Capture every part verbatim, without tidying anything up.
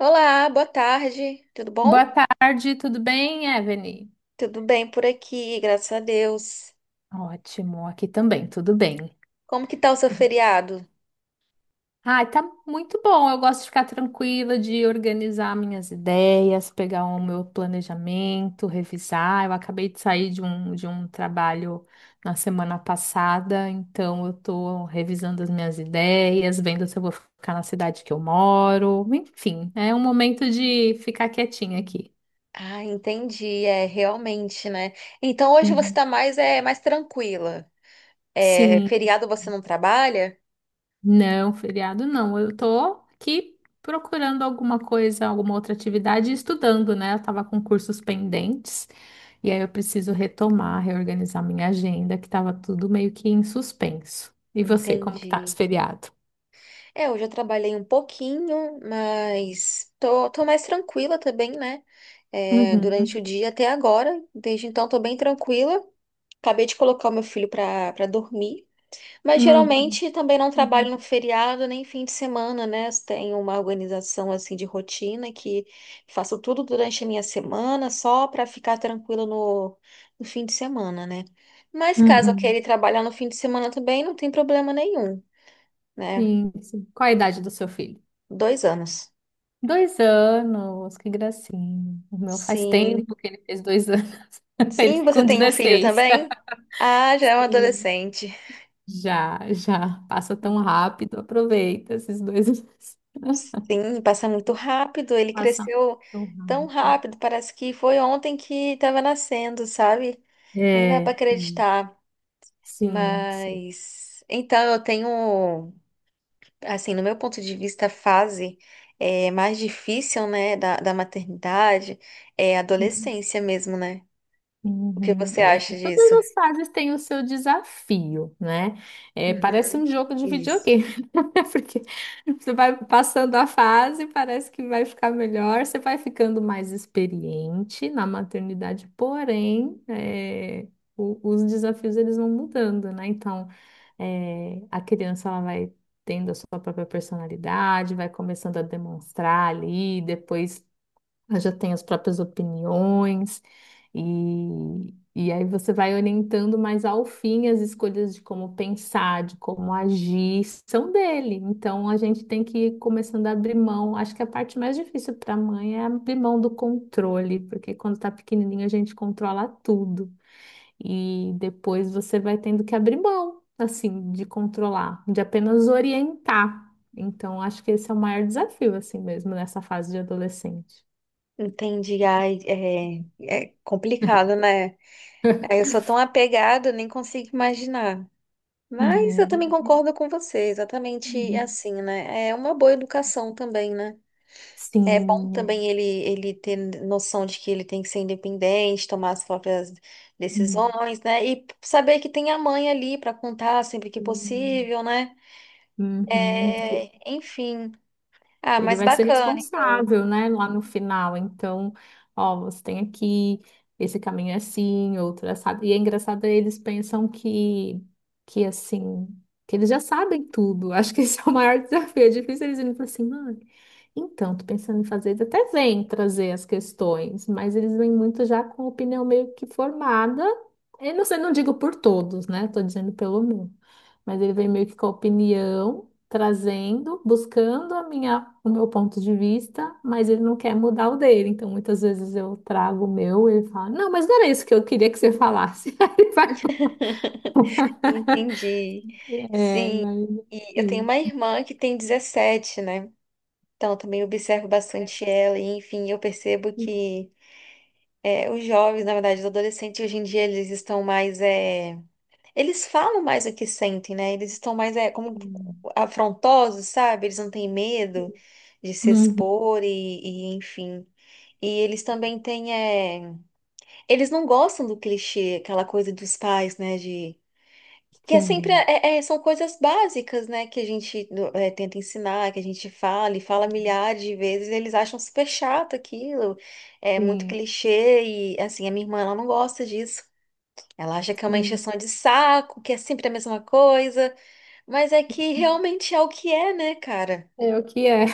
Olá, boa tarde. Tudo bom? Boa tarde, tudo bem, Evelyn? Tudo bem por aqui, graças a Deus. Ótimo, aqui também, tudo bem. Como que tá o seu feriado? Ai, tá muito bom. Eu gosto de ficar tranquila, de organizar minhas ideias, pegar o meu planejamento, revisar. Eu acabei de sair de um, de um trabalho na semana passada, então eu tô revisando as minhas ideias, vendo se eu vou ficar na cidade que eu moro. Enfim, é um momento de ficar quietinha aqui. Ah, entendi, é realmente, né? Então hoje você Uhum. tá mais é mais tranquila. É, Sim. feriado você não trabalha? Não, feriado não. Eu tô aqui procurando alguma coisa, alguma outra atividade e estudando, né? Eu tava com cursos pendentes e aí eu preciso retomar, reorganizar minha agenda, que tava tudo meio que em suspenso. E você, como que tá esse Entendi. feriado? É, hoje eu trabalhei um pouquinho, mas tô, tô mais tranquila também, né? É, durante o Uhum. dia até agora. Desde então tô bem tranquila. Acabei de colocar o meu filho pra, pra dormir. Mas Uhum. geralmente também não trabalho Uhum. no feriado nem fim de semana, né? Tenho uma organização assim de rotina que faço tudo durante a minha semana só para ficar tranquila no, no fim de semana, né? Mas caso eu queira Uhum. ir trabalhar no fim de semana também, não tem problema nenhum, né? Sim, sim. Qual a idade do seu filho? Dois anos. Dois anos, que gracinha. O meu faz Sim. tempo que ele fez dois anos. Sim, Ele você com tem um filho dezesseis. também? Ah, já é um Sim. adolescente. Já, já. Passa tão rápido, aproveita esses dois meses. Sim, passa muito rápido. Ele Passam cresceu tão tão rápido. rápido, parece que foi ontem que estava nascendo, sabe? Nem dá É, pra é, acreditar, sim, sim. mas então eu tenho, assim, no meu ponto de vista, a fase é mais difícil, né, da, da maternidade é a adolescência mesmo, né? O que Uhum. você É, acha todas disso? as fases têm o seu desafio, né? É, parece Uhum, um jogo de isso. videogame, porque você vai passando a fase, parece que vai ficar melhor, você vai ficando mais experiente na maternidade, porém, é, o- os desafios eles vão mudando, né? Então, é, a criança ela vai tendo a sua própria personalidade, vai começando a demonstrar ali, depois. Ela já tem as próprias opiniões, e, e aí você vai orientando, mas ao fim as escolhas de como pensar, de como agir, são dele. Então a gente tem que ir começando a abrir mão. Acho que a parte mais difícil para a mãe é abrir mão do controle, porque quando está pequenininho a gente controla tudo, e depois você vai tendo que abrir mão, assim, de controlar, de apenas orientar. Então, acho que esse é o maior desafio, assim mesmo, nessa fase de adolescente. Entendi, ai, é, é complicado, né? Ai, eu sou tão apegada, nem consigo imaginar. Mas eu também É, concordo com você, exatamente uhum. assim, né? É uma boa educação também, né? É bom Sim. também É. ele, ele ter noção de que ele tem que ser independente, tomar as próprias decisões, né? E saber que tem a mãe ali para contar sempre que Uhum. possível, né? Uhum. É, enfim. Ah, Ele mas vai ser bacana, então. responsável, né, lá no final. Então, ó, você tem aqui, esse caminho é assim, outro é assado. E é engraçado, eles pensam que, que assim, que eles já sabem tudo. Acho que esse é o maior desafio. É difícil eles irem e falarem assim, mãe, então, tô pensando em fazer. Eles até vêm trazer as questões, mas eles vêm muito já com a opinião meio que formada. Eu não sei, não digo por todos, né? Tô dizendo pelo meu. Mas ele vem meio que com a opinião trazendo, buscando a minha, o meu ponto de vista, mas ele não quer mudar o dele. Então, muitas vezes eu trago o meu, ele fala, não, mas não era isso que eu queria que você falasse. Aí ele vai, Entendi. é, Sim. mas E eu tenho sim. uma irmã que tem dezessete, né? Então, eu também observo Deve bastante estar- ela, e enfim, eu percebo que é, os jovens, na verdade, os adolescentes hoje em dia, eles estão mais. É, eles falam mais o que sentem, né? Eles estão mais é, como Sim, afrontosos, sabe? Eles não têm medo de se uhum, expor e, e, enfim. E eles também têm. é, Eles não gostam do clichê, aquela coisa dos pais, né? De... Que é sempre. sim, é- é- São coisas básicas, né? Que a gente é, tenta ensinar, que a gente fala e fala milhares de vezes. Eles acham super chato aquilo. É muito sim. clichê. E, assim, a minha irmã, ela não gosta disso. Ela acha que é uma Sim. encheção de saco, que é sempre a mesma coisa, mas é que realmente é o que é, né, cara? É o que é.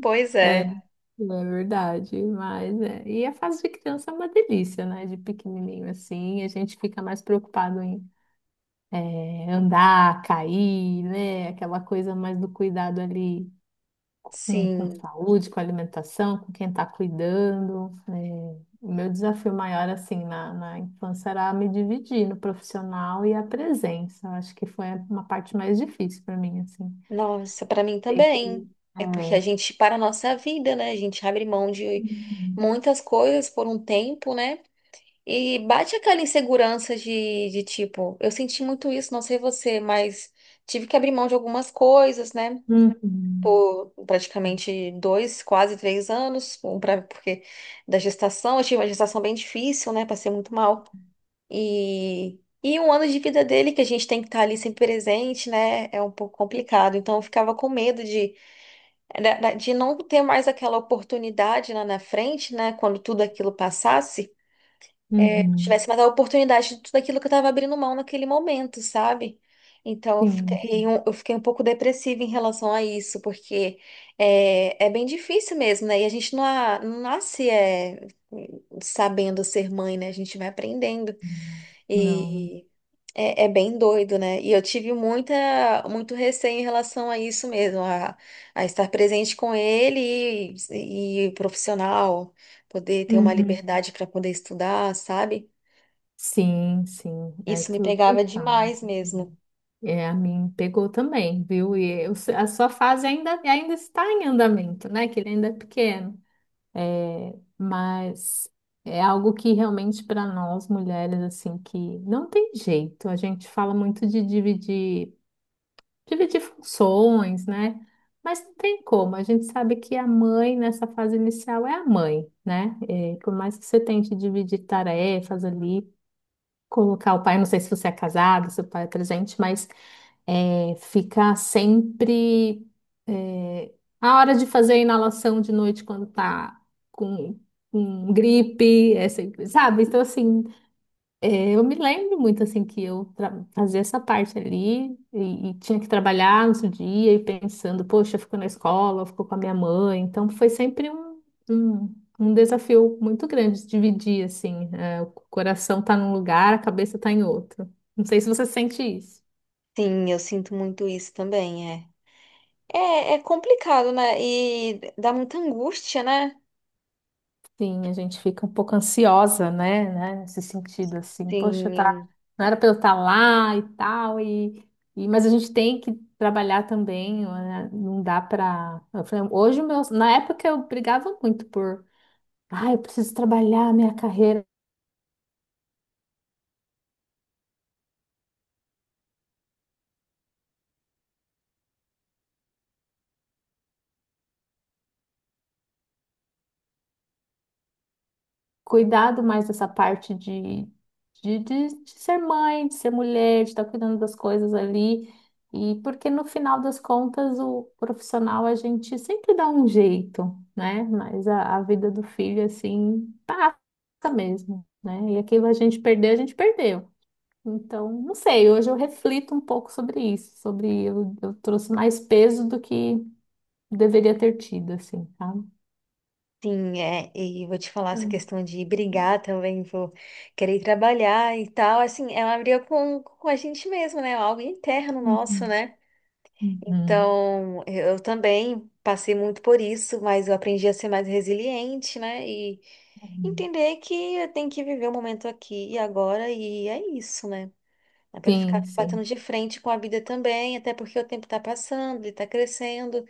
Pois É, é. é verdade, mas é. E a fase de criança é uma delícia, né? De pequenininho assim, a gente fica mais preocupado em. É, andar, cair, né? Aquela coisa mais do cuidado ali com, com Sim. saúde, com alimentação, com quem está cuidando, né? O meu desafio maior, assim, na, na infância era me dividir no profissional e a presença. Eu acho que foi uma parte mais difícil para mim, assim. Nossa, pra mim Ter que... também. É porque a É. gente para a nossa vida, né? A gente abre mão de Uhum. muitas coisas por um tempo, né? E bate aquela insegurança de, de tipo, eu senti muito isso, não sei você, mas tive que abrir mão de algumas coisas, né? Uhum. Por praticamente dois, quase três anos, um pra, porque da gestação, eu tive uma gestação bem difícil, né? Passei muito mal. E, e um ano de vida dele que a gente tem que estar ali sempre presente, né? É um pouco complicado. Então eu ficava com medo de, da- da- de não ter mais aquela oportunidade lá na frente, né? Quando tudo aquilo passasse tivesse Uhum. mais a oportunidade de tudo aquilo que eu estava abrindo mão naquele momento, sabe? Então eu Sim. fiquei um, eu fiquei um pouco depressiva em relação a isso, porque é, é bem difícil mesmo, né? E a gente não, a- não nasce é, sabendo ser mãe, né? A gente vai aprendendo. Não. E é, é bem doido, né? E eu tive muita, muito receio em relação a isso mesmo, a, a estar presente com ele e, e profissional, poder ter uma Uhum. liberdade para poder estudar, sabe? Sim, sim. É, Isso me tudo tem pegava fase. demais mesmo. É, a mim pegou também, viu? E eu- a sua fase ainda, ainda está em andamento, né? Que ele ainda é pequeno. É, mas é algo que realmente para nós mulheres, assim, que não tem jeito. A gente fala muito de dividir, dividir funções, né? Mas não tem como. A gente sabe que a mãe, nessa fase inicial, é a mãe, né? É, por mais que você tente dividir tarefas ali, colocar o pai, não sei se você é casado, se o pai é presente, mas é, ficar sempre é, a hora de fazer a inalação de noite quando tá com, com gripe, é sempre, sabe? Então, assim, é, eu me lembro muito, assim, que eu tra- fazia essa parte ali e, e tinha que trabalhar no outro dia e pensando, poxa, eu fico na escola, eu fico com a minha mãe. Então, foi sempre um, um, um desafio muito grande de dividir, assim, é, o coração tá num lugar, a cabeça tá em outro. Não sei se você sente isso. Sim, eu sinto muito isso também, é. É, é complicado, né? E dá muita angústia, né? Sim, a gente fica um pouco ansiosa, né, né, nesse sentido assim, poxa, tá, Sim, não era para eu estar lá e tal e, e mas a gente tem que trabalhar também, né, não dá para, hoje o meu, na época eu brigava muito por, ah, eu preciso trabalhar a minha carreira cuidado mais dessa parte de, de, de, de ser mãe, de ser mulher, de estar cuidando das coisas ali. E porque no final das contas, o profissional a gente sempre dá um jeito, né? Mas a, a vida do filho, assim, tá mesmo, né? E aquilo a gente perdeu, a gente perdeu. Então, não sei, hoje eu reflito um pouco sobre isso, sobre eu, eu trouxe mais peso do que deveria ter tido, assim, sabe? sim, é. E vou te falar essa questão de brigar também, vou querer trabalhar e tal. Assim, é uma briga com, com a gente mesmo, né? Algo interno nosso, Uhum, né? uhum, Então, eu também passei muito por isso, mas eu aprendi a ser mais resiliente, né? E uhum. entender que eu tenho que viver o momento aqui e agora, e é isso, né? Dá para ficar Sim, batendo sim. de frente com a vida também, até porque o tempo está passando, ele está crescendo.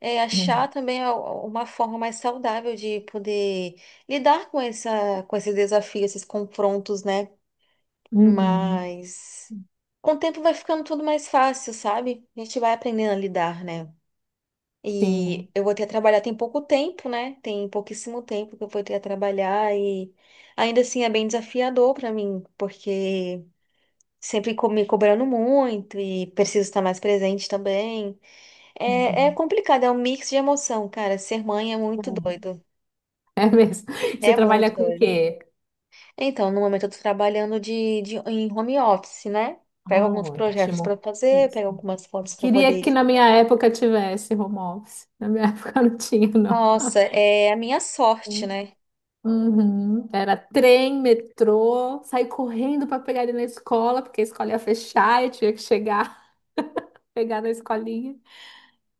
É, achar também a- uma forma mais saudável de poder lidar com essa, com esse desafio, esses confrontos, né? Uhum, Mas com o tempo vai ficando tudo mais fácil, sabe? A gente vai aprendendo a lidar, né? sim. E eu vou ter a trabalhar tem pouco tempo, né? Tem pouquíssimo tempo que eu vou ter a trabalhar e ainda assim é bem desafiador para mim, porque sempre co- me cobrando muito e preciso estar mais presente também. É, é Uhum. complicado, é um mix de emoção, cara. Ser mãe é muito doido. É, é mesmo. Você É trabalha muito com o doido. quê? Então, no momento eu tô trabalhando de, de, em home office, né? Pego Ah, alguns projetos ótimo. pra fazer, Isso. pego algumas fotos pra Queria poder. que na minha época tivesse home office. Na minha época não tinha, não. Nossa, é a minha sorte, né? Uhum. Era trem, metrô, sair correndo para pegar ele na escola, porque a escola ia fechar e tinha que chegar, pegar na escolinha.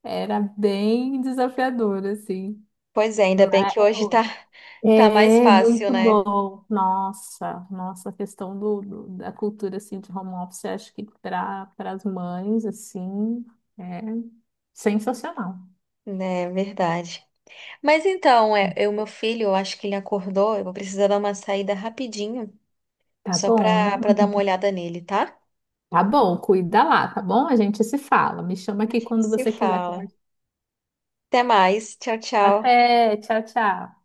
Era bem desafiador, assim. Pois é, ainda bem que hoje tá, tá mais É fácil, muito né? bom. Nossa, nossa, a questão do, do- da cultura assim de home office, eu acho que para para as mães assim é sensacional. É verdade. Mas então, é, o meu filho, eu acho que ele acordou, eu vou precisar dar uma saída rapidinho. Tá Só bom. para para dar uma Uhum. olhada nele, tá? Tá bom, cuida lá, tá bom? A gente se fala. Me chama A aqui gente quando se você quiser fala. conversar. Até mais. Tchau, tchau. Até, tchau, tchau.